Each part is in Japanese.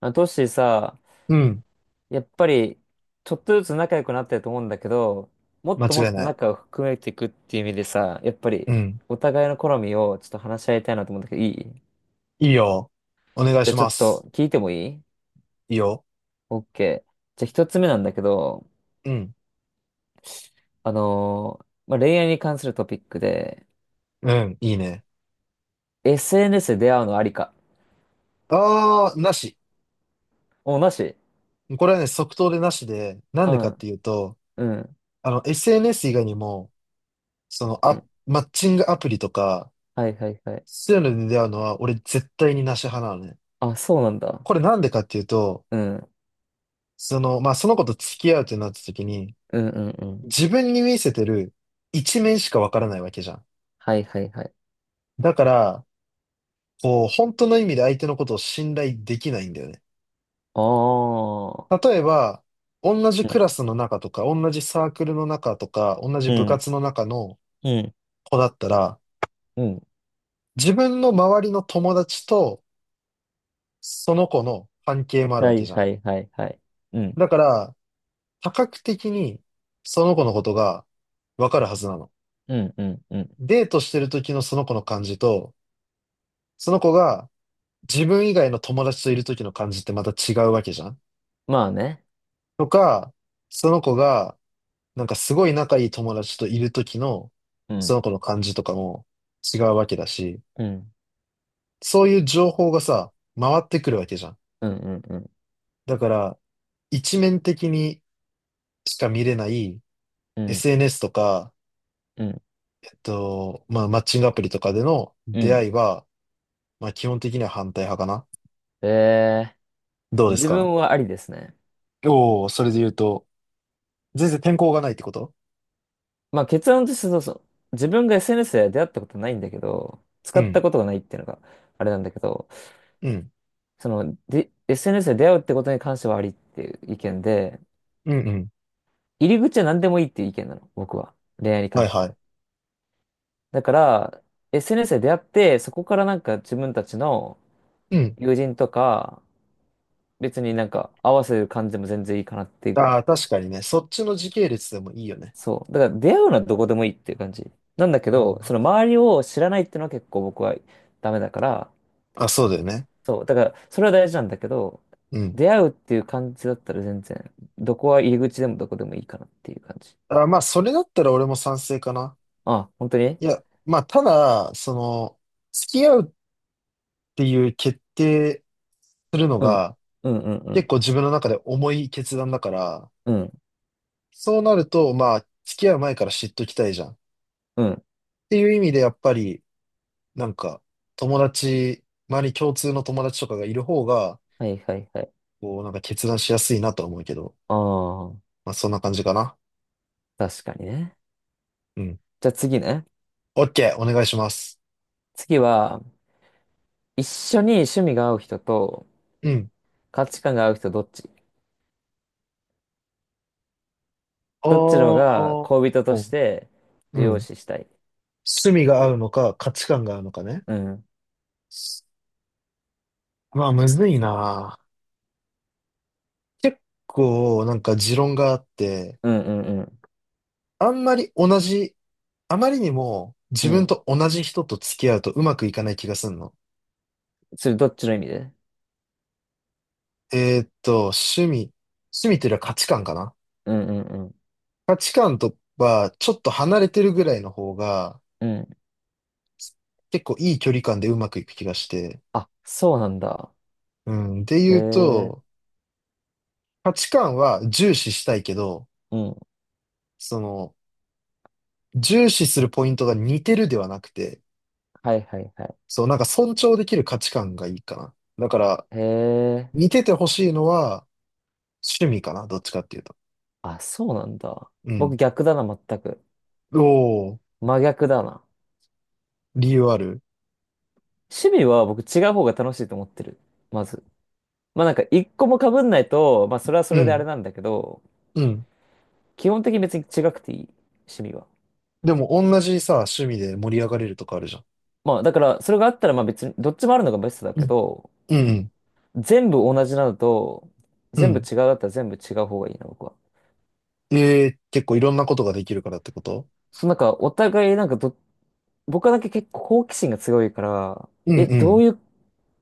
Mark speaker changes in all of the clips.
Speaker 1: あ、トッシーさ、
Speaker 2: うん。
Speaker 1: やっぱり、ちょっとずつ仲良くなってると思うんだけど、もっ
Speaker 2: 間
Speaker 1: とも
Speaker 2: 違い
Speaker 1: っと
Speaker 2: ない。
Speaker 1: 仲を含めていくっていう意味でさ、やっぱり、
Speaker 2: うん。
Speaker 1: お互いの好みをちょっと話し合いたいなと思うんだけど、いい、じ
Speaker 2: いいよ。お願い
Speaker 1: ゃ
Speaker 2: し
Speaker 1: あちょ
Speaker 2: ま
Speaker 1: っ
Speaker 2: す。
Speaker 1: と聞いてもいい？
Speaker 2: いいよ。
Speaker 1: OK。じゃあ一つ目なんだけど、
Speaker 2: うん。
Speaker 1: まあ、恋愛に関するトピックで、
Speaker 2: うん。いいね。
Speaker 1: SNS で出会うのありか。
Speaker 2: あー、なし。
Speaker 1: お、なし。
Speaker 2: これはね、即答でなしで、なん
Speaker 1: う
Speaker 2: でかっ
Speaker 1: ん、
Speaker 2: ていうと、
Speaker 1: うん、
Speaker 2: SNS 以外にも、
Speaker 1: うん。
Speaker 2: マッチングアプリとか、
Speaker 1: はいはいはい。
Speaker 2: そういうので出会うのは、俺絶対になし派なのね。
Speaker 1: あ、そうなんだ。
Speaker 2: これなんでかっていうと、
Speaker 1: うん、うん、
Speaker 2: まあ、その子と付き合うってなった時に、
Speaker 1: うん、うん。
Speaker 2: 自分に見せてる一面しかわからないわけじゃん。
Speaker 1: はいはいはい。
Speaker 2: だから、こう、本当の意味で相手のことを信頼できないんだよね。
Speaker 1: ああ。
Speaker 2: 例えば、同じ
Speaker 1: う
Speaker 2: クラ
Speaker 1: ん、
Speaker 2: スの中とか、同じサークルの中とか、同じ
Speaker 1: う
Speaker 2: 部
Speaker 1: ん。
Speaker 2: 活の中の
Speaker 1: うん
Speaker 2: 子だったら、
Speaker 1: うん。
Speaker 2: 自分の周りの友達とその子の関係もある
Speaker 1: は
Speaker 2: わけ
Speaker 1: い
Speaker 2: じゃ
Speaker 1: は
Speaker 2: ん。
Speaker 1: いはいはい。うん。
Speaker 2: だから、多角的にその子のことがわかるはずなの。
Speaker 1: うんうんうん。
Speaker 2: デートしてる時のその子の感じと、その子が自分以外の友達といる時の感じってまた違うわけじゃん。
Speaker 1: まあね。
Speaker 2: とか、その子がなんかすごい仲いい友達といる時の、
Speaker 1: う
Speaker 2: そ
Speaker 1: ん。
Speaker 2: の子の感じとかも違うわけだし、
Speaker 1: うん。
Speaker 2: そういう情報がさ、回ってくるわけじゃん。
Speaker 1: うんうんうん。
Speaker 2: だから、一面的にしか見れない
Speaker 1: うん。
Speaker 2: SNS とか、
Speaker 1: うん。
Speaker 2: まあ、マッチングアプリとかでの
Speaker 1: う
Speaker 2: 出
Speaker 1: ん。
Speaker 2: 会いは、まあ、基本的には反対派かな。
Speaker 1: え
Speaker 2: どうです
Speaker 1: 自
Speaker 2: か？
Speaker 1: 分はありですね。
Speaker 2: おおー、それで言うと、全然天候がないってこと？
Speaker 1: まあ結論としてそうそう。自分が SNS で出会ったことないんだけど、使
Speaker 2: う
Speaker 1: った
Speaker 2: ん、
Speaker 1: ことがないっていうのがあれなんだけど、
Speaker 2: うん、
Speaker 1: その、で、SNS で出会うってことに関してはありっていう意見で、
Speaker 2: うん、うん。
Speaker 1: 入り口は何でもいいっていう意見なの、僕は。恋愛に
Speaker 2: は
Speaker 1: 関
Speaker 2: い
Speaker 1: して。
Speaker 2: はい。
Speaker 1: だから、SNS で出会って、そこからなんか自分たちの
Speaker 2: うん。
Speaker 1: 友人とか、別になんか合わせる感じでも全然いいかなっていうぐら
Speaker 2: あ
Speaker 1: い。
Speaker 2: あ、確かにね。そっちの時系列でもいいよね。
Speaker 1: そう。だから出会うのはどこでもいいっていう感じ。なんだけど、その
Speaker 2: あ、
Speaker 1: 周りを知らないっていうのは結構僕はダメだから、
Speaker 2: あそうだよね。
Speaker 1: そう。だからそれは大事なんだけど、
Speaker 2: うん。
Speaker 1: 出会うっていう感じだったら全然、どこは入り口でもどこでもいいかなっていう感じ。
Speaker 2: あ、まあ、それだったら俺も賛成かな。
Speaker 1: あ、本当に？
Speaker 2: いや、まあ、ただ、付き合うっていう決定するの
Speaker 1: うん。
Speaker 2: が、
Speaker 1: うんうんう
Speaker 2: 結
Speaker 1: ん。
Speaker 2: 構自分の中で重い決断だから、
Speaker 1: うん。
Speaker 2: そうなると、まあ、付き合う前から知っときたいじゃん。っ
Speaker 1: うん。
Speaker 2: ていう意味で、やっぱり、なんか、友達、周り共通の友達とかがいる方が、
Speaker 1: はいはいはい。
Speaker 2: こう、なんか決断しやすいなとは思うけど、
Speaker 1: ああ、
Speaker 2: まあ、そんな感じかな。
Speaker 1: 確かにね。
Speaker 2: うん。
Speaker 1: じゃあ次ね。
Speaker 2: オッケー、お願いします。
Speaker 1: 次は、一緒に趣味が合う人と
Speaker 2: うん。
Speaker 1: 価値観が合う人どっち
Speaker 2: お
Speaker 1: どっちのが恋
Speaker 2: ー、
Speaker 1: 人として
Speaker 2: う
Speaker 1: 重要
Speaker 2: ん。
Speaker 1: 視したい？
Speaker 2: 趣味が合うのか、価値観が合うのかね。
Speaker 1: うん。
Speaker 2: まあ、むずいな。結構、なんか持論があって、
Speaker 1: うんうんうん。
Speaker 2: あんまり同じ、あまりにも自
Speaker 1: う
Speaker 2: 分
Speaker 1: ん。
Speaker 2: と同じ人と付き合うとうまくいかない気がするの。
Speaker 1: それどっちの意味で？
Speaker 2: 趣味。趣味というよりは価値観かな。
Speaker 1: うんうんうん。
Speaker 2: 価値観とは、ちょっと離れてるぐらいの方が、
Speaker 1: うん。
Speaker 2: 結構いい距離感でうまくいく気がして。
Speaker 1: あ、そうなんだ。
Speaker 2: うん。で
Speaker 1: へ
Speaker 2: 言う
Speaker 1: え。
Speaker 2: と、価値観は重視したいけど、
Speaker 1: うん。
Speaker 2: その、重視するポイントが似てるではなくて、
Speaker 1: はいはいはい。
Speaker 2: そう、なんか尊重できる価値観がいいかな。だから、
Speaker 1: へえ。
Speaker 2: 似ててほしいのは趣味かな。どっちかっていうと。
Speaker 1: あ、そうなんだ。
Speaker 2: う
Speaker 1: 僕
Speaker 2: ん。
Speaker 1: 逆だな、全く。
Speaker 2: おー、
Speaker 1: 真逆だな。
Speaker 2: 理由ある？
Speaker 1: 趣味は僕違う方が楽しいと思ってる。まず。まあなんか一個も被んないと、まあそれはそ
Speaker 2: う
Speaker 1: れであれ
Speaker 2: ん、
Speaker 1: なんだけど、
Speaker 2: うん。
Speaker 1: 基本的に別に違くていい。趣味は。
Speaker 2: でも、同じさ、趣味で盛り上がれるとかあるじゃん。
Speaker 1: まあだからそれがあったらまあ別にどっちもあるのがベストだ
Speaker 2: う
Speaker 1: け
Speaker 2: ん、
Speaker 1: ど、
Speaker 2: うん、
Speaker 1: 全部同じなのと、
Speaker 2: う
Speaker 1: 全部
Speaker 2: ん。
Speaker 1: 違うだったら全部違う方がいいな、僕は。
Speaker 2: えー、結構いろんなことができるからってこと？
Speaker 1: そのなんか、お互いなんか僕はだけ結構好奇心が強いから、
Speaker 2: うん
Speaker 1: え、
Speaker 2: う
Speaker 1: ど
Speaker 2: ん。
Speaker 1: ういう、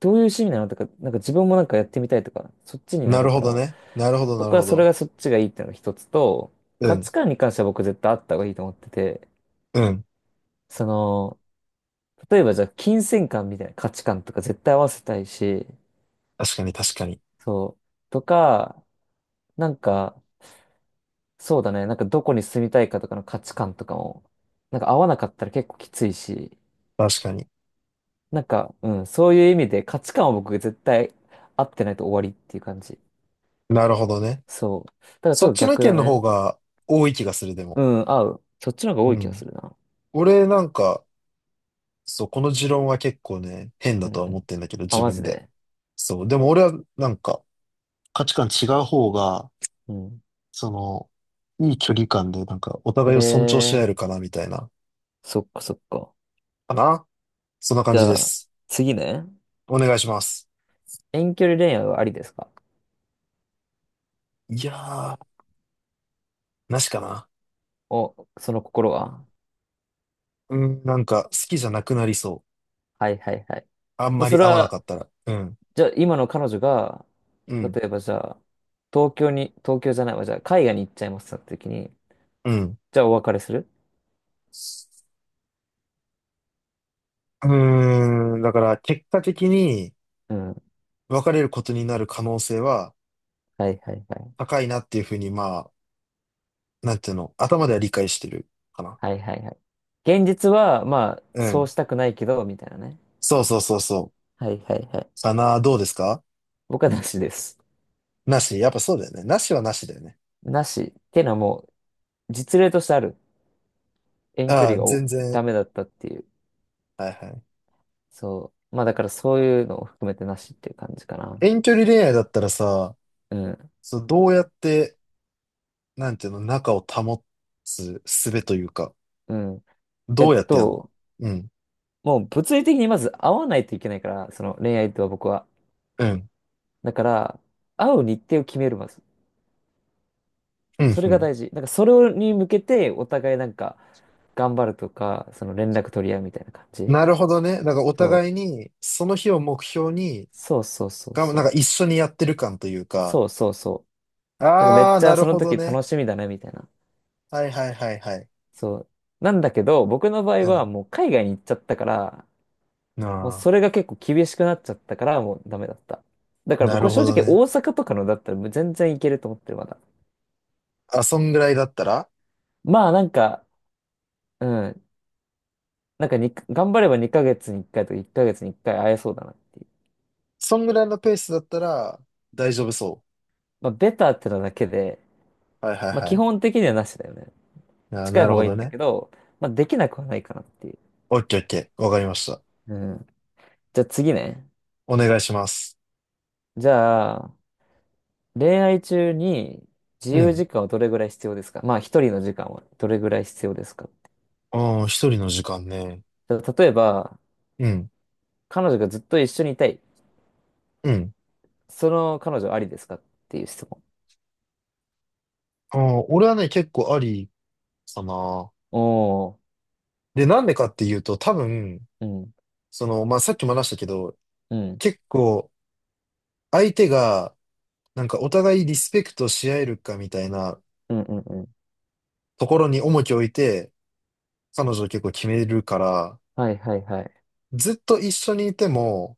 Speaker 1: どういう趣味なのとか、なんか自分もなんかやってみたいとか、そっちにな
Speaker 2: なる
Speaker 1: るか
Speaker 2: ほど
Speaker 1: ら、
Speaker 2: ね。なるほど、なる
Speaker 1: 僕は
Speaker 2: ほ
Speaker 1: それ
Speaker 2: ど。
Speaker 1: がそっちがいいっていうのが一つと、
Speaker 2: う
Speaker 1: 価
Speaker 2: ん、
Speaker 1: 値観に関しては僕絶対あった方がいいと思ってて、
Speaker 2: うん。
Speaker 1: その、例えばじゃあ金銭感みたいな価値観とか絶対合わせたいし、
Speaker 2: 確かに、確かに。
Speaker 1: そう、とか、なんか、そうだね。なんかどこに住みたいかとかの価値観とかも、なんか合わなかったら結構きついし、
Speaker 2: 確かに。
Speaker 1: なんか、うん、そういう意味で価値観は僕絶対合ってないと終わりっていう感じ。
Speaker 2: なるほどね。
Speaker 1: そう。だからち
Speaker 2: そ
Speaker 1: ょっ
Speaker 2: っ
Speaker 1: と
Speaker 2: ちの意
Speaker 1: 逆だ
Speaker 2: 見の方
Speaker 1: ね。
Speaker 2: が多い気がする、で
Speaker 1: う
Speaker 2: も。
Speaker 1: ん、合う。そっちの方が
Speaker 2: う
Speaker 1: 多い気が
Speaker 2: ん。
Speaker 1: するな。
Speaker 2: 俺なんか、そう、この持論は結構ね、変だ
Speaker 1: うん
Speaker 2: とは
Speaker 1: う
Speaker 2: 思
Speaker 1: ん。
Speaker 2: ってんだけど、
Speaker 1: あ、
Speaker 2: 自
Speaker 1: マ
Speaker 2: 分
Speaker 1: ジ
Speaker 2: で。
Speaker 1: で。
Speaker 2: そう、でも俺はなんか、価値観違う方が、
Speaker 1: うん。
Speaker 2: その、いい距離感で、なんか、お互いを尊重し合え
Speaker 1: え
Speaker 2: る
Speaker 1: え
Speaker 2: かな、みたいな。
Speaker 1: ー、そっかそっか。
Speaker 2: かな、そんな感
Speaker 1: じ
Speaker 2: じ
Speaker 1: ゃ
Speaker 2: で
Speaker 1: あ、
Speaker 2: す。
Speaker 1: 次ね。
Speaker 2: お願いします。
Speaker 1: 遠距離恋愛はありですか？
Speaker 2: いやー、なしかな。
Speaker 1: お、その心は？
Speaker 2: うん、なんか、好きじゃなくなりそ
Speaker 1: はいはいはい。
Speaker 2: う。あん
Speaker 1: もう
Speaker 2: ま
Speaker 1: そ
Speaker 2: り
Speaker 1: れ
Speaker 2: 合わなか
Speaker 1: は、
Speaker 2: ったら。うん、
Speaker 1: じゃあ、今の彼女が、
Speaker 2: うん、
Speaker 1: 例えばじゃあ、東京に、東京じゃないわ、じゃあ、海外に行っちゃいますってなった時に、
Speaker 2: うん。
Speaker 1: じゃあ、お別れする？
Speaker 2: うーん、だから、結果的に
Speaker 1: うん。
Speaker 2: 別れることになる可能性は
Speaker 1: はいはいはい。
Speaker 2: 高いなっていうふうに、まあ、なんていうの、頭では理解してるかな。
Speaker 1: はいはいはい。現実は、まあ、
Speaker 2: う
Speaker 1: そう
Speaker 2: ん。
Speaker 1: したくないけど、みたいなね。
Speaker 2: そうそうそうそ
Speaker 1: はいはいはい。
Speaker 2: う。かな、どうですか？
Speaker 1: 僕はなしです。
Speaker 2: なし、やっぱそうだよね。なしはなしだよね。
Speaker 1: なし。ってのはもう、実例としてある。遠距
Speaker 2: あ
Speaker 1: 離
Speaker 2: あ、
Speaker 1: が
Speaker 2: 全然。
Speaker 1: ダメだったっていう。
Speaker 2: はいはい。
Speaker 1: そう。まあ、だからそういうのを含めてなしっていう感じかな。
Speaker 2: 遠距離恋愛だったらさ、
Speaker 1: うん。
Speaker 2: そう、どうやって、なんていうの、仲を保つ術というか、
Speaker 1: うん。え
Speaker 2: どう
Speaker 1: っ
Speaker 2: やってやるの？
Speaker 1: と、
Speaker 2: うん、
Speaker 1: もう物理的にまず会わないといけないから、その恋愛とは僕は。
Speaker 2: うん、
Speaker 1: だから、会う日程を決める、まず。
Speaker 2: うん、
Speaker 1: そ
Speaker 2: う
Speaker 1: れが
Speaker 2: ん。
Speaker 1: 大事。なんか、それに向けて、お互いなんか、頑張るとか、その連絡取り合うみたいな感じ。
Speaker 2: なるほどね。だからお
Speaker 1: そ
Speaker 2: 互
Speaker 1: う。
Speaker 2: いに、その日を目標に、
Speaker 1: そうそうそう
Speaker 2: が、
Speaker 1: そ
Speaker 2: なんか
Speaker 1: う。
Speaker 2: 一緒にやってる感というか、
Speaker 1: そうそうそう。なんか、めっ
Speaker 2: ああ、
Speaker 1: ち
Speaker 2: な
Speaker 1: ゃそ
Speaker 2: る
Speaker 1: の
Speaker 2: ほど
Speaker 1: 時楽
Speaker 2: ね。
Speaker 1: しみだね、みたいな。
Speaker 2: はいはいはいはい。
Speaker 1: そう。なんだけど、僕の場合は
Speaker 2: う
Speaker 1: もう海外に行っちゃったから、
Speaker 2: ん。
Speaker 1: もう
Speaker 2: あ
Speaker 1: それが結構厳しくなっちゃったから、もうダメだった。だ
Speaker 2: あ、
Speaker 1: から
Speaker 2: な
Speaker 1: 僕
Speaker 2: る
Speaker 1: は
Speaker 2: ほ
Speaker 1: 正
Speaker 2: ど
Speaker 1: 直大
Speaker 2: ね。
Speaker 1: 阪とかのだったらもう全然いけると思ってる、まだ。
Speaker 2: あ、そんぐらいだったら、
Speaker 1: まあなんか、うん。なんかに、頑張れば2ヶ月に1回とか1ヶ月に1回会えそうだなっていう。
Speaker 2: そんぐらいのペースだったら大丈夫そ
Speaker 1: まあ、ベターってのだけで、
Speaker 2: う。はいはい
Speaker 1: まあ、
Speaker 2: は
Speaker 1: 基
Speaker 2: い。
Speaker 1: 本的にはなしだよね。
Speaker 2: あ、
Speaker 1: 近い
Speaker 2: なる
Speaker 1: 方
Speaker 2: ほ
Speaker 1: がいい
Speaker 2: ど
Speaker 1: んだ
Speaker 2: ね。
Speaker 1: けど、まあ、できなくはないかなっていう。
Speaker 2: オッケーオッケー。わかりました。
Speaker 1: うん。じゃあ次ね。
Speaker 2: お願いします。
Speaker 1: じゃあ、恋愛中に自
Speaker 2: う
Speaker 1: 由
Speaker 2: ん。
Speaker 1: 時間はどれぐらい必要ですか？まあ、一人の時間はどれぐらい必要ですか？
Speaker 2: ああ、一人の時間ね。
Speaker 1: じゃあ例えば、
Speaker 2: うん。
Speaker 1: 彼女がずっと一緒にいたい。
Speaker 2: うん。
Speaker 1: その彼女ありですかっていう質問。
Speaker 2: ああ、俺はね、結構ありかな。
Speaker 1: おー。
Speaker 2: で、なんでかっていうと、多分、
Speaker 1: うん。
Speaker 2: まあ、さっきも話したけど、
Speaker 1: うん。
Speaker 2: 結構、相手が、なんかお互いリスペクトし合えるかみたいな
Speaker 1: うんうんうん。
Speaker 2: ところに重きを置いて、彼女を結構決めるから、
Speaker 1: はいはいはい。
Speaker 2: ずっと一緒にいても、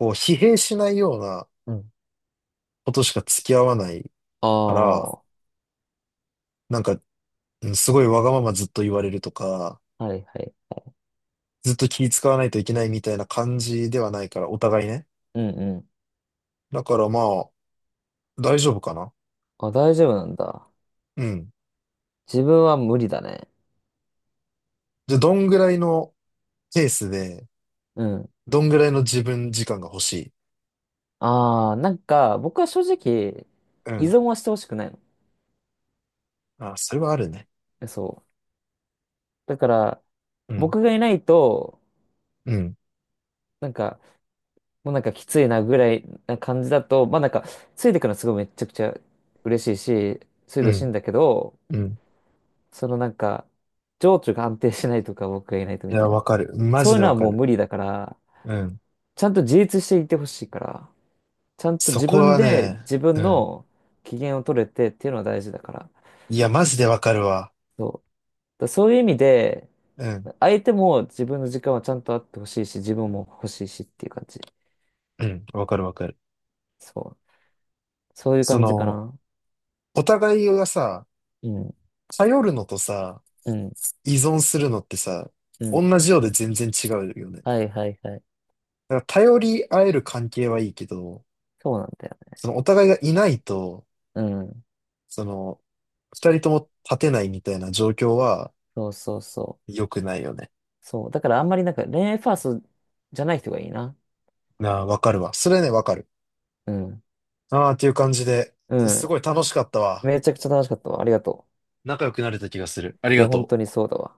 Speaker 2: こう、疲弊しないような
Speaker 1: うん。
Speaker 2: ことしか付き合わない
Speaker 1: あ
Speaker 2: から、
Speaker 1: あ。
Speaker 2: なんか、うんすごいわがままずっと言われるとか、
Speaker 1: はいはい。
Speaker 2: ずっと気使わないといけないみたいな感じではないから、お互いね。
Speaker 1: うんうん。
Speaker 2: だからまあ、大丈夫かな。
Speaker 1: あ、大丈夫なんだ。
Speaker 2: うん。
Speaker 1: 自分は無理だね。
Speaker 2: じゃあ、どんぐらいのペースで、
Speaker 1: うん。
Speaker 2: どんぐらいの自分時間が欲しい？
Speaker 1: ああ、なんか、僕は正直、
Speaker 2: う
Speaker 1: 依
Speaker 2: ん。
Speaker 1: 存はしてほしくないの。
Speaker 2: あ、それはあるね。
Speaker 1: え、そう。だから、
Speaker 2: うん。
Speaker 1: 僕がいないと、
Speaker 2: うん。
Speaker 1: なんか、もうなんかきついなぐらいな感じだと、まあなんか、ついてくのすごいめっちゃくちゃ嬉しいし、ついて
Speaker 2: う
Speaker 1: ほしい
Speaker 2: ん。
Speaker 1: んだけど、
Speaker 2: うん。
Speaker 1: そのなんか、情緒が安定しないとか、僕がいないと
Speaker 2: い
Speaker 1: みた
Speaker 2: や、
Speaker 1: いな。
Speaker 2: わかる。マ
Speaker 1: そう
Speaker 2: ジ
Speaker 1: いう
Speaker 2: で
Speaker 1: の
Speaker 2: わ
Speaker 1: は
Speaker 2: か
Speaker 1: もう
Speaker 2: る。
Speaker 1: 無理だから、
Speaker 2: うん。
Speaker 1: ちゃんと自立していてほしいから。ちゃんと
Speaker 2: そ
Speaker 1: 自
Speaker 2: こ
Speaker 1: 分
Speaker 2: は
Speaker 1: で
Speaker 2: ね、
Speaker 1: 自
Speaker 2: う
Speaker 1: 分
Speaker 2: ん。
Speaker 1: の機嫌を取れてっていうのは大事だから。
Speaker 2: いや、マジでわかるわ。
Speaker 1: そう。だからそういう意味で、
Speaker 2: うん。
Speaker 1: 相手も自分の時間はちゃんとあってほしいし、自分も欲しいしっていう感じ。
Speaker 2: うん。わかるわかる。
Speaker 1: そう。そういう
Speaker 2: そ
Speaker 1: 感じか
Speaker 2: の、
Speaker 1: な。
Speaker 2: お互いがさ、
Speaker 1: うん。
Speaker 2: 頼るのとさ、
Speaker 1: うん。
Speaker 2: 依存するのってさ、
Speaker 1: う
Speaker 2: 同
Speaker 1: ん。
Speaker 2: じようで全然違うよね。だ
Speaker 1: はいはいはい。
Speaker 2: から頼り合える関係はいいけど、
Speaker 1: そうなんだよね。
Speaker 2: そのお互いがいないと、
Speaker 1: うん。
Speaker 2: その、二人とも立てないみたいな状況は
Speaker 1: そうそうそう。
Speaker 2: 良くないよね。
Speaker 1: そう。だからあんまりなんか恋愛ファーストじゃない人がいいな。
Speaker 2: なあ、わかるわ。それね、わかる。
Speaker 1: うん。
Speaker 2: ああ、っていう感じで、
Speaker 1: う
Speaker 2: す
Speaker 1: ん。
Speaker 2: ごい楽しかったわ。
Speaker 1: めちゃくちゃ楽しかったわ。ありがと
Speaker 2: 仲良くなれた気がする。あり
Speaker 1: う。い
Speaker 2: が
Speaker 1: や、本
Speaker 2: と
Speaker 1: 当に
Speaker 2: う。
Speaker 1: そうだわ。